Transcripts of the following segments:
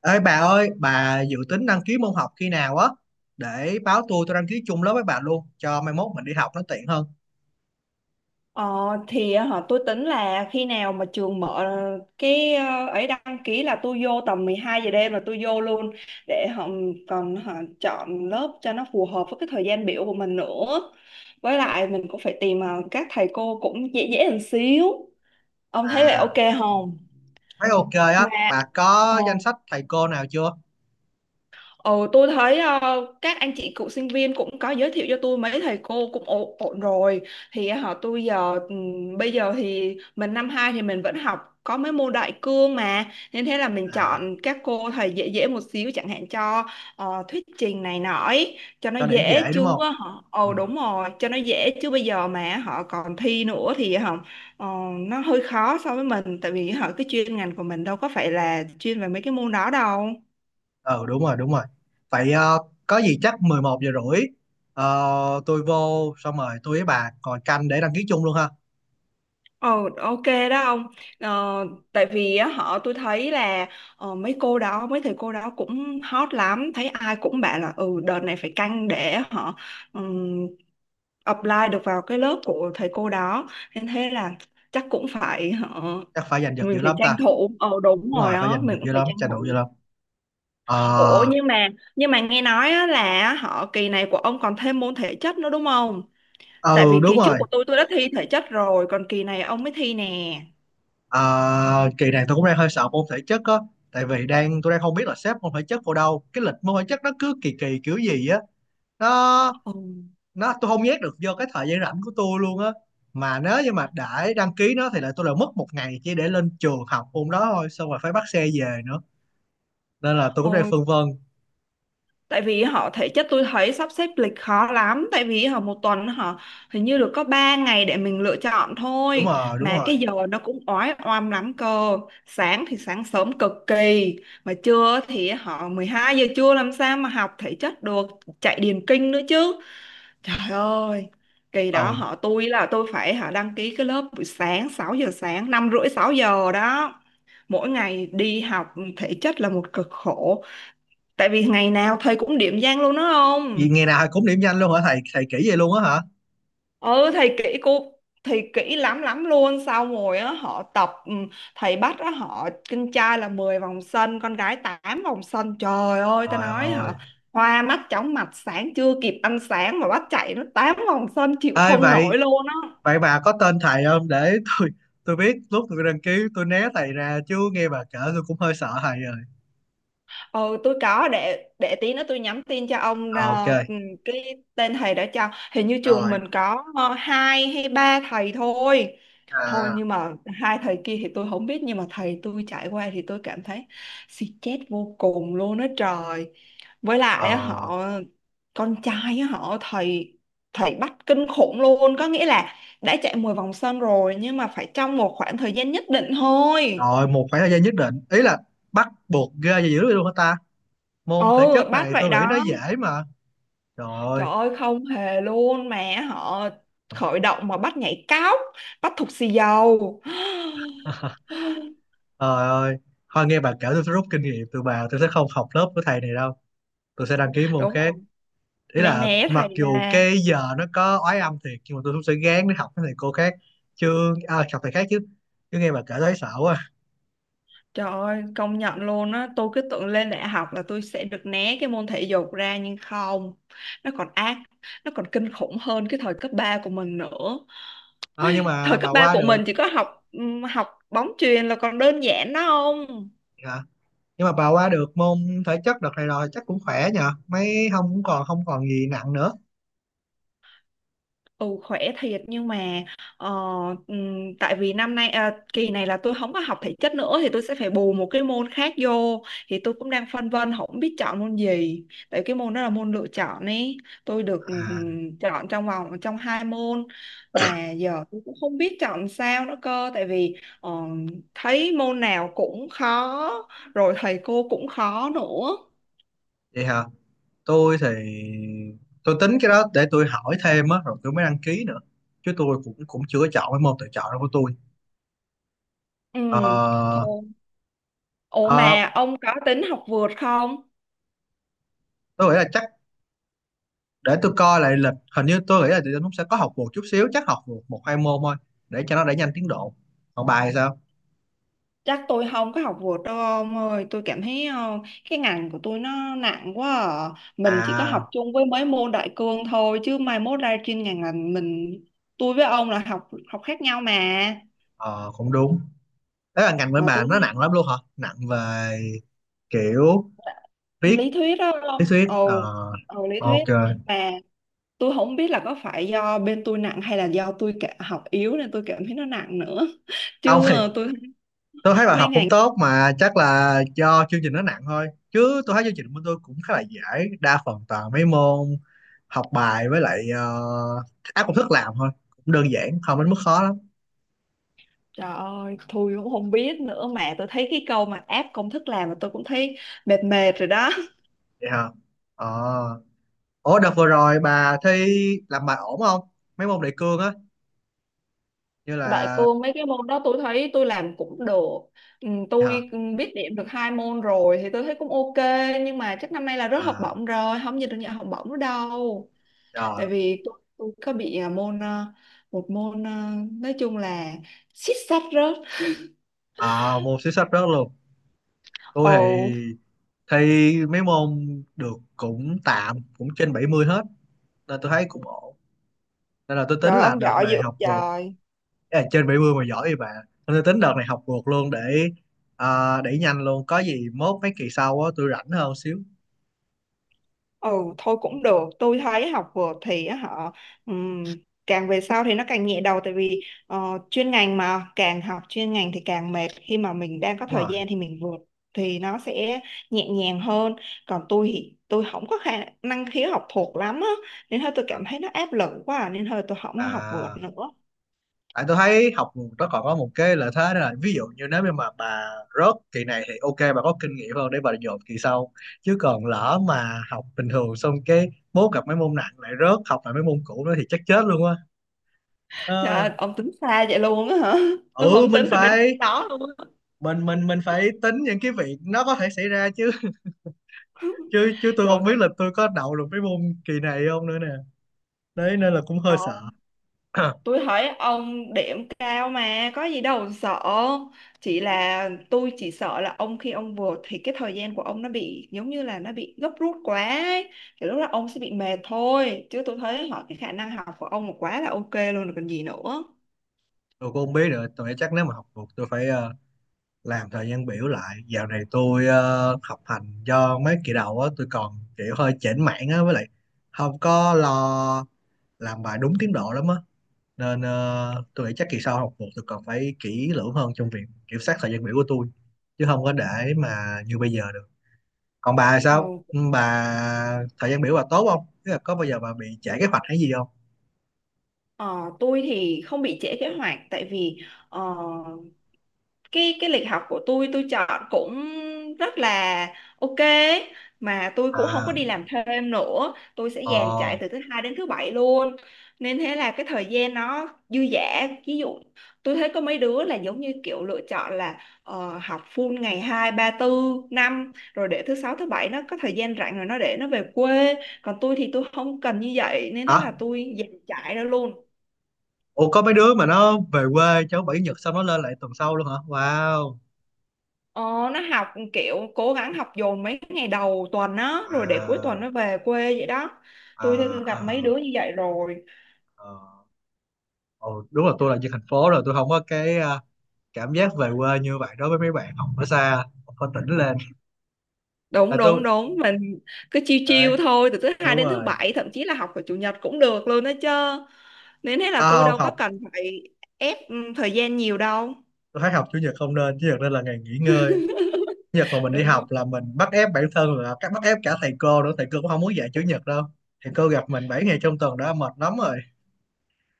Ê bà ơi, bà dự tính đăng ký môn học khi nào á? Để báo tôi đăng ký chung lớp với bà luôn, cho mai mốt mình đi học nó tiện hơn. Ờ, thì tôi tính là khi nào mà trường mở cái ấy đăng ký là tôi vô tầm 12 giờ đêm là tôi vô luôn để họ còn chọn lớp cho nó phù hợp với cái thời gian biểu của mình nữa. Với lại mình cũng phải tìm các thầy cô cũng dễ dễ một xíu. Ông thấy vậy ok À, không? thấy ok á, Mà bà ờ, có danh sách thầy cô nào chưa? Ừ, tôi thấy các anh chị cựu sinh viên cũng có giới thiệu cho tôi mấy thầy cô cũng ổn, ổn rồi thì tôi giờ bây giờ thì mình năm 2 thì mình vẫn học có mấy môn đại cương mà nên thế là mình À, chọn các cô thầy dễ dễ một xíu chẳng hạn cho thuyết trình này nọ ấy, cho nó cho điểm dễ dễ đúng chứ. không? Ừ, Ồ đúng rồi, cho nó dễ chứ bây giờ mà họ còn thi nữa thì họ ờ, nó hơi khó so với mình tại vì cái chuyên ngành của mình đâu có phải là chuyên về mấy cái môn đó đâu. ừ, đúng rồi, đúng rồi. Vậy, có gì chắc 11 giờ rưỡi, tôi vô xong rồi tôi với bà còn canh để đăng ký chung luôn ha. Ồ, ok đó ông. Ờ, Tại vì á, họ tôi thấy là mấy cô đó mấy thầy cô đó cũng hot lắm, thấy ai cũng bảo là ừ đợt này phải canh để họ ừm, apply được vào cái lớp của thầy cô đó nên thế là chắc cũng phải Chắc phải giành giật mình dữ phải lắm tranh ta. thủ. Ờ đúng Đúng rồi rồi, phải đó, giành giật mình cũng dữ phải lắm, tranh tranh thủ dữ thủ. lắm. Ờ, Ủa nhưng mà nghe nói á, là kỳ này của ông còn thêm môn thể chất nữa đúng không? Tại ừ vì đúng kỳ trước rồi. của tôi đã thi thể chất rồi, còn kỳ này ông mới thi nè. À, kỳ này tôi cũng đang hơi sợ môn thể chất á, tại vì tôi đang không biết là xếp môn thể chất vào đâu, cái lịch môn thể chất nó cứ kỳ kỳ kiểu gì á. nó Ừ. nó tôi không nhét được vô cái thời gian rảnh của tôi luôn á. Mà nếu như mà đã đăng ký nó thì lại tôi lại mất một ngày chỉ để lên trường học môn đó thôi, xong rồi phải bắt xe về nữa, nên là tôi Ờ, cũng đang phân vân. tại vì thể chất tôi thấy sắp xếp lịch khó lắm, tại vì một tuần họ hình như được có 3 ngày để mình lựa chọn Đúng thôi, rồi, đúng mà rồi. cái giờ nó cũng oái oăm lắm cơ. Sáng thì sáng sớm cực kỳ, mà trưa thì 12 giờ trưa làm sao mà học thể chất được, chạy điền kinh nữa chứ. Trời ơi, kỳ đó ờ họ tôi là tôi phải họ đăng ký cái lớp buổi sáng 6 giờ sáng, 5 rưỡi 6 giờ đó. Mỗi ngày đi học thể chất là một cực khổ, tại vì ngày nào thầy cũng điểm danh luôn đó không. Vì ngày nào cũng điểm nhanh luôn hả, thầy thầy kỹ vậy luôn á hả? Ừ, thầy kỹ lắm lắm luôn, xong rồi á tập, thầy bắt á họ con trai là 10 vòng sân, con gái 8 vòng sân, trời ơi tao Trời nói ơi. hả. Hoa mắt chóng mặt, sáng chưa kịp ăn sáng mà bắt chạy nó 8 vòng sân chịu ê không vậy nổi luôn á. Vậy bà có tên thầy không để tôi biết lúc tôi đăng ký tôi né thầy ra, chứ nghe bà kể tôi cũng hơi sợ thầy rồi. Ừ tôi có, để tí nữa tôi nhắn tin cho ông Ờ, ok. Cái tên thầy. Đã cho hình như trường Rồi. mình có hai hay ba thầy thôi. Thôi À, nhưng mà hai thầy kia thì tôi không biết, nhưng mà thầy tôi trải qua thì tôi cảm thấy stress vô cùng luôn á trời. Với ờ, lại á, con trai á, họ thầy thầy bắt kinh khủng luôn, có nghĩa là đã chạy 10 vòng sân rồi nhưng mà phải trong một khoảng thời gian nhất định thôi. rồi một khoảng thời gian nhất định. Ý là bắt buộc ra gì dữ vậy luôn hả ta? Môn thể Ừ, chất bắt này vậy tôi nghĩ nó đó. dễ mà. Trời Trời ơi. ơi không hề luôn mà, họ khởi động mà bắt nhảy cóc, bắt thục xì dầu Trời ơi. Thôi nghe bà kể tôi sẽ rút kinh nghiệm từ bà, tôi sẽ không học lớp của thầy này đâu. Tôi sẽ đăng ký môn đúng khác. rồi, Ý né là né mặc thầy dù ra. cái giờ nó có oái âm thiệt, nhưng mà tôi cũng sẽ gán để học với thầy cô khác chứ. À, học thầy khác chứ chứ nghe bà kể thấy sợ quá. Trời ơi, công nhận luôn á, tôi cứ tưởng lên đại học là tôi sẽ được né cái môn thể dục ra nhưng không, nó còn ác, nó còn kinh khủng hơn cái thời cấp 3 của mình nữa. À, Thời cấp 3 của mình chỉ có học học bóng chuyền là còn đơn giản đó không? hả nhưng mà bà qua được môn thể chất đợt này rồi chắc cũng khỏe, nhờ mấy không cũng còn, không còn gì nặng nữa. Ừ khỏe thiệt, nhưng mà ờ, tại vì năm nay à, kỳ này là tôi không có học thể chất nữa thì tôi sẽ phải bù một cái môn khác vô, thì tôi cũng đang phân vân không biết chọn môn gì. Tại cái môn đó là môn lựa chọn ấy, tôi được À, chọn trong hai môn mà giờ tôi cũng không biết chọn sao nữa cơ, tại vì thấy môn nào cũng khó, rồi thầy cô cũng khó nữa. vậy hả. Tôi thì tôi tính cái đó để tôi hỏi thêm á, rồi tôi mới đăng ký nữa, chứ tôi cũng cũng chưa có chọn cái môn tự chọn đó của tôi. Ừ Ờ, thôi. Ủa ờ, mà ông có tính học vượt không? tôi nghĩ là chắc để tôi coi lại lịch. Hình như tôi nghĩ là tụi tôi cũng sẽ có học vượt chút xíu, chắc học vượt một hai môn thôi để cho nó đẩy nhanh tiến độ. Còn bài thì sao? Chắc tôi không có học vượt đâu ông ơi. Tôi cảm thấy cái ngành của tôi nó nặng quá à. Mình chỉ có À, học chung với mấy môn đại cương thôi, chứ mai mốt ra chuyên ngành là mình. Tôi với ông là học học khác nhau mà. ờ, cũng đúng. Đấy là ngành bên Mà bà tôi nó nặng thấy lắm luôn hả, nặng về kiểu viết lý thuyết đó lý ông. thuyết? Ờ Ồ lý ok. thuyết. Mà tôi không biết là có phải do bên tôi nặng hay là do tôi học yếu nên tôi cảm thấy nó nặng nữa Ông Chứ thì ờ, tôi tôi thấy bà mấy học cũng ngành tốt mà, chắc là do chương trình nó nặng thôi, chứ tôi thấy chương trình bên tôi cũng khá là dễ, đa phần toàn mấy môn học bài, với lại áp công thức làm thôi, cũng đơn giản, không đến mức khó lắm. Trời ơi, tôi cũng không biết nữa, mà tôi thấy cái câu mà áp công thức làm mà tôi cũng thấy mệt mệt rồi đó. Vậy hả? ờ Ủa đợt vừa rồi bà thi làm bài ổn không? Mấy môn đề cương á, như Đại là cương mấy cái môn đó tôi thấy tôi làm cũng được. Ừ, hả? tôi ừ, biết điểm được hai môn rồi thì tôi thấy cũng ok, nhưng mà chắc năm nay là rớt học À, bổng rồi, không nhận học bổng nữa đâu. Tại rồi. vì tôi có bị môn một môn nói chung là xít xách rớt. À, môn sử sách rớt luôn. Tôi Ồ, thì thi mấy môn được cũng tạm, cũng trên 70 hết, nên tôi thấy cũng ổn. Nên là tôi tính trời là ông đợt giỏi dữ này ông học vượt. trời. Ý là trên 70 mà giỏi thì bà. Nên tôi tính đợt này học vượt luôn để, à, để nhanh luôn. Có gì mốt mấy kỳ sau á tôi rảnh hơn xíu. Ừ thôi cũng được, tôi thấy học vượt thì á họ ừm, càng về sau thì nó càng nhẹ đầu, tại vì chuyên ngành mà càng học chuyên ngành thì càng mệt, khi mà mình đang có Đúng thời rồi. gian thì mình vượt thì nó sẽ nhẹ nhàng hơn. Còn tôi thì tôi không có năng khiếu học thuộc lắm á, nên thôi tôi cảm À, thấy nó áp lực quá à, nên thôi tôi không có học vượt à. nữa. Tại tôi thấy học nó còn có một cái lợi thế đó là, ví dụ như nếu như mà bà rớt kỳ này thì ok, bà có kinh nghiệm hơn để bà dồn kỳ sau, chứ còn lỡ mà học bình thường xong cái bố gặp mấy môn nặng lại rớt học lại mấy môn cũ nữa thì chắc chết luôn á. Trời Ờ, ơi, ông tính xa vậy luôn á hả? Tôi ừ không mình tính được đến phải đó luôn á. mình mình mình phải tính những cái việc nó có thể xảy ra chứ. chứ chứ tôi Trời không biết là tôi có đậu được mấy môn kỳ này không nữa nè. Đấy nên là cũng hơi sợ. ơi, tôi thấy ông điểm cao mà có gì đâu sợ, chỉ là chỉ sợ là khi ông vượt thì cái thời gian của ông nó bị giống như là nó bị gấp rút quá ấy, thì lúc đó ông sẽ bị mệt thôi, chứ tôi thấy cái khả năng học của ông là quá là ok luôn rồi còn gì nữa. Tôi cũng không biết nữa, tôi nghĩ chắc nếu mà học được tôi phải, làm thời gian biểu lại. Dạo này tôi học hành do mấy kỳ đầu á tôi còn kiểu hơi chểnh mảng á, với lại không có lo làm bài đúng tiến độ lắm á, nên tôi nghĩ chắc kỳ sau học một tôi còn phải kỹ lưỡng hơn trong việc kiểm soát thời gian biểu của tôi, chứ không có để mà như bây giờ được. Còn bà Ờ, sao? Ừ, bà thời gian biểu bà tốt không? Tức là có bao giờ bà bị trễ kế hoạch hay gì không? ờ, tôi thì không bị trễ kế hoạch, tại vì ờ, cái cái lịch học của tôi chọn cũng rất là ok, mà tôi cũng không có À, đi làm thêm nữa, tôi sẽ dàn trải ồ, từ thứ hai đến thứ bảy luôn nên thế là cái thời gian nó dư dả. Ví dụ tôi thấy có mấy đứa là giống như kiểu lựa chọn là học full ngày hai ba tư năm, rồi để thứ sáu thứ bảy nó có thời gian rảnh rồi nó để nó về quê, còn tôi thì tôi không cần như vậy nên hả, thế là tôi dàn trải ra luôn. ủa, có mấy đứa mà nó về quê cháu bảy nhật xong nó lên lại tuần sau luôn hả? Wow. Ờ, nó học kiểu cố gắng học dồn mấy ngày đầu tuần á rồi để cuối À, tuần nó về quê vậy đó. à, Tôi à, gặp mấy đứa như vậy rồi. à. Ồ, đúng là tôi là dân thành phố rồi, tôi không có cái, à, cảm giác về quê như vậy đối với mấy bạn học ở xa, học ở tỉnh lên. Đúng Là tôi đúng đúng, mình cứ chiêu đấy. chiêu thôi từ thứ hai Đúng đến thứ rồi. bảy, thậm chí là học vào chủ nhật cũng được luôn đó chứ, nên thế là À, tôi không đâu có học. cần phải ép thời gian nhiều đâu. Tôi thấy học chủ nhật không nên, chủ nhật nên là ngày nghỉ ngơi. Chủ nhật mà mình đi Đúng học đúng. là mình bắt ép bản thân, là các bắt ép cả thầy cô nữa, thầy cô cũng không muốn dạy chủ nhật đâu. Thầy cô gặp mình 7 ngày trong tuần đã mệt lắm rồi,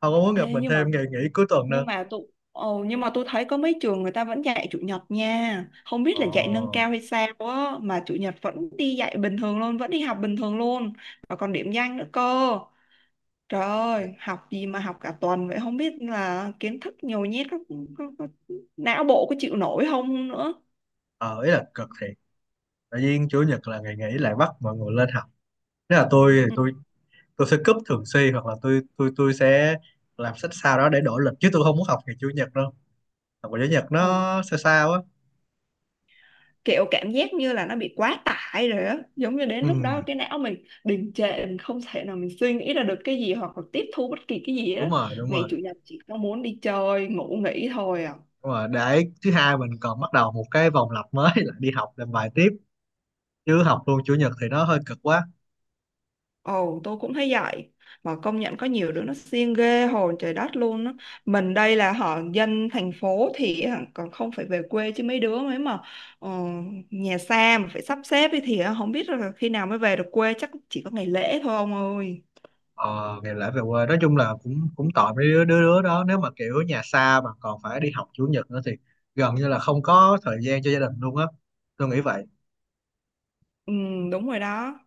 không có muốn gặp Ê, mình thêm ngày nghỉ cuối tuần nhưng nữa. mà tôi ồ nhưng mà tôi thấy có mấy trường người ta vẫn dạy chủ nhật nha, không biết Ồ. là dạy nâng cao hay sao á mà chủ nhật vẫn đi dạy bình thường luôn, vẫn đi học bình thường luôn, và còn điểm danh nữa cơ. Trời ơi học gì mà học cả tuần vậy, không biết là kiến thức nhồi nhét có não bộ có chịu nổi không nữa. Ờ, ý là cực thiệt, tự nhiên chủ nhật là ngày nghỉ lại bắt mọi người lên học. Nếu là tôi thì Ừ. tôi sẽ cúp thường xuyên, hoặc là tôi sẽ làm sách sao đó để đổi lịch, chứ tôi không muốn học ngày chủ nhật đâu. Học ngày chủ nhật Ừ. nó sao sao á. Kiểu cảm giác như là nó bị quá tải rồi á, giống như đến Ừ, lúc đó cái não mình đình trệ, mình không thể nào mình suy nghĩ ra được cái gì hoặc là tiếp thu bất kỳ cái gì đó. đúng rồi, đúng Ngày rồi. chủ nhật chỉ có muốn đi chơi ngủ nghỉ thôi à. Đúng rồi, để thứ hai mình còn bắt đầu một cái vòng lặp mới là đi học làm bài tiếp, chứ học luôn chủ nhật thì nó hơi cực quá. Ồ tôi cũng thấy vậy, mà công nhận có nhiều đứa nó siêng ghê hồn trời đất luôn á. Mình đây là dân thành phố thì hả, còn không phải về quê, chứ mấy đứa mà ờ, nhà xa mà phải sắp xếp ấy thì hả, không biết là khi nào mới về được quê, chắc chỉ có ngày lễ thôi ông ơi. Ờ, Ngày lễ về quê nói chung là cũng cũng tội mấy đứa đứa đứa đó, nếu mà kiểu nhà xa mà còn phải đi học chủ nhật nữa thì gần như là không có thời gian cho gia đình luôn á. Tôi nghĩ vậy. Ừ đúng rồi đó.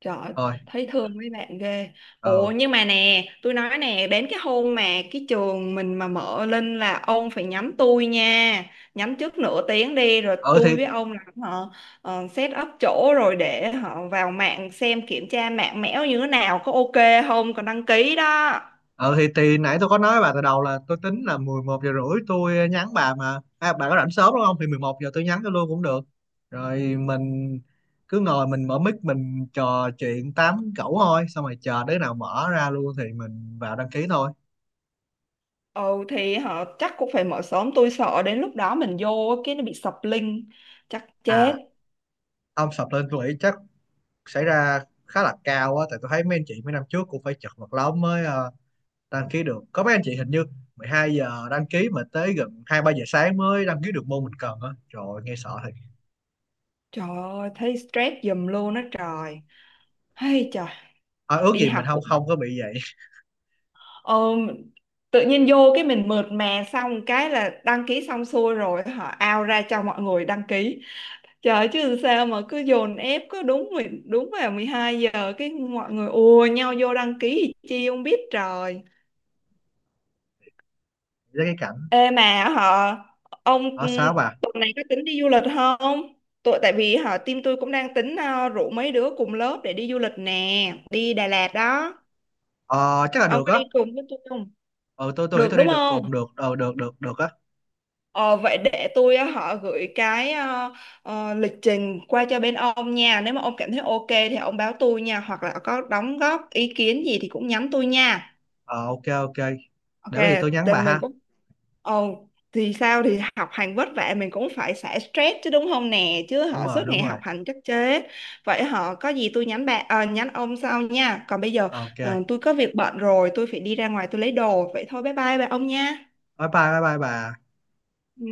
Trời ơi, Thôi. thấy thương mấy bạn ghê. Ờ, Ồ ừ. nhưng mà nè, tôi nói nè, đến cái hôm mà cái trường mình mà mở lên là ông phải nhắm tôi nha. Nhắm trước nửa tiếng đi rồi Ờ thì, tôi với ông làm set up chỗ rồi để vào mạng xem kiểm tra mạng mẽo như thế nào, có ok không, còn đăng ký đó. ừ thì nãy tôi có nói với bà từ đầu là tôi tính là 11 giờ rưỡi tôi nhắn bà mà. À, bà có rảnh sớm đúng không, thì 11 giờ tôi nhắn cho luôn cũng được. Rồi mình cứ ngồi mình mở mic mình trò chuyện tám cẩu thôi, xong rồi chờ đứa nào mở ra luôn thì mình vào đăng ký thôi. Ừ thì chắc cũng phải mở sớm, tôi sợ đến lúc đó mình vô cái nó bị sập link chắc chết. À, ông sập lên tôi nghĩ chắc xảy ra khá là cao á, tại tôi thấy mấy anh chị mấy năm trước cũng phải chật vật lắm mới đăng ký được. Có mấy anh chị hình như 12 giờ đăng ký mà tới gần 2 3 giờ sáng mới đăng ký được môn mình cần á. Trời ơi, nghe sợ. Trời ơi, thấy stress giùm luôn á trời. Hay trời, Thôi ước đi gì mình học không cũng. không có bị vậy. Ờ, tự nhiên vô cái mình mượt mà, xong cái là đăng ký xong xuôi rồi ao ra cho mọi người đăng ký, trời ơi, chứ sao mà cứ dồn ép cứ đúng vào 12 giờ cái mọi người ùa nhau vô đăng ký thì chi không biết trời. Với cái cảnh ê mà họ ông ở ừ, sao bà. tuần này có tính đi du lịch không? Tại vì team tôi cũng đang tính rủ mấy đứa cùng lớp để đi du lịch nè, đi Đà Lạt đó. ờ, Chắc là Ông được có á. đi cùng với tôi không? Ờ tôi nghĩ Được tôi đúng đi được cùng không? được, được được được á. Ờ, vậy để tôi á, họ gửi cái lịch trình qua cho bên ông nha. Nếu mà ông cảm thấy ok thì ông báo tôi nha. Hoặc là có đóng góp ý kiến gì thì cũng nhắn tôi nha. Ờ, ok, ok, Ok, để có gì tôi nhắn thì bà mình ha. cũng... Ồ, thì sao thì học hành vất vả mình cũng phải xả stress chứ đúng không nè. Chứ Đúng rồi, suốt đúng ngày rồi. học hành chắc chế. Vậy có gì tôi nhắn ông sau nha. Còn bây giờ Ờ, ok, tôi có việc bận rồi, tôi phải đi ra ngoài tôi lấy đồ. Vậy thôi bye bye ông nha. bye bye bye bye bà. Ừ.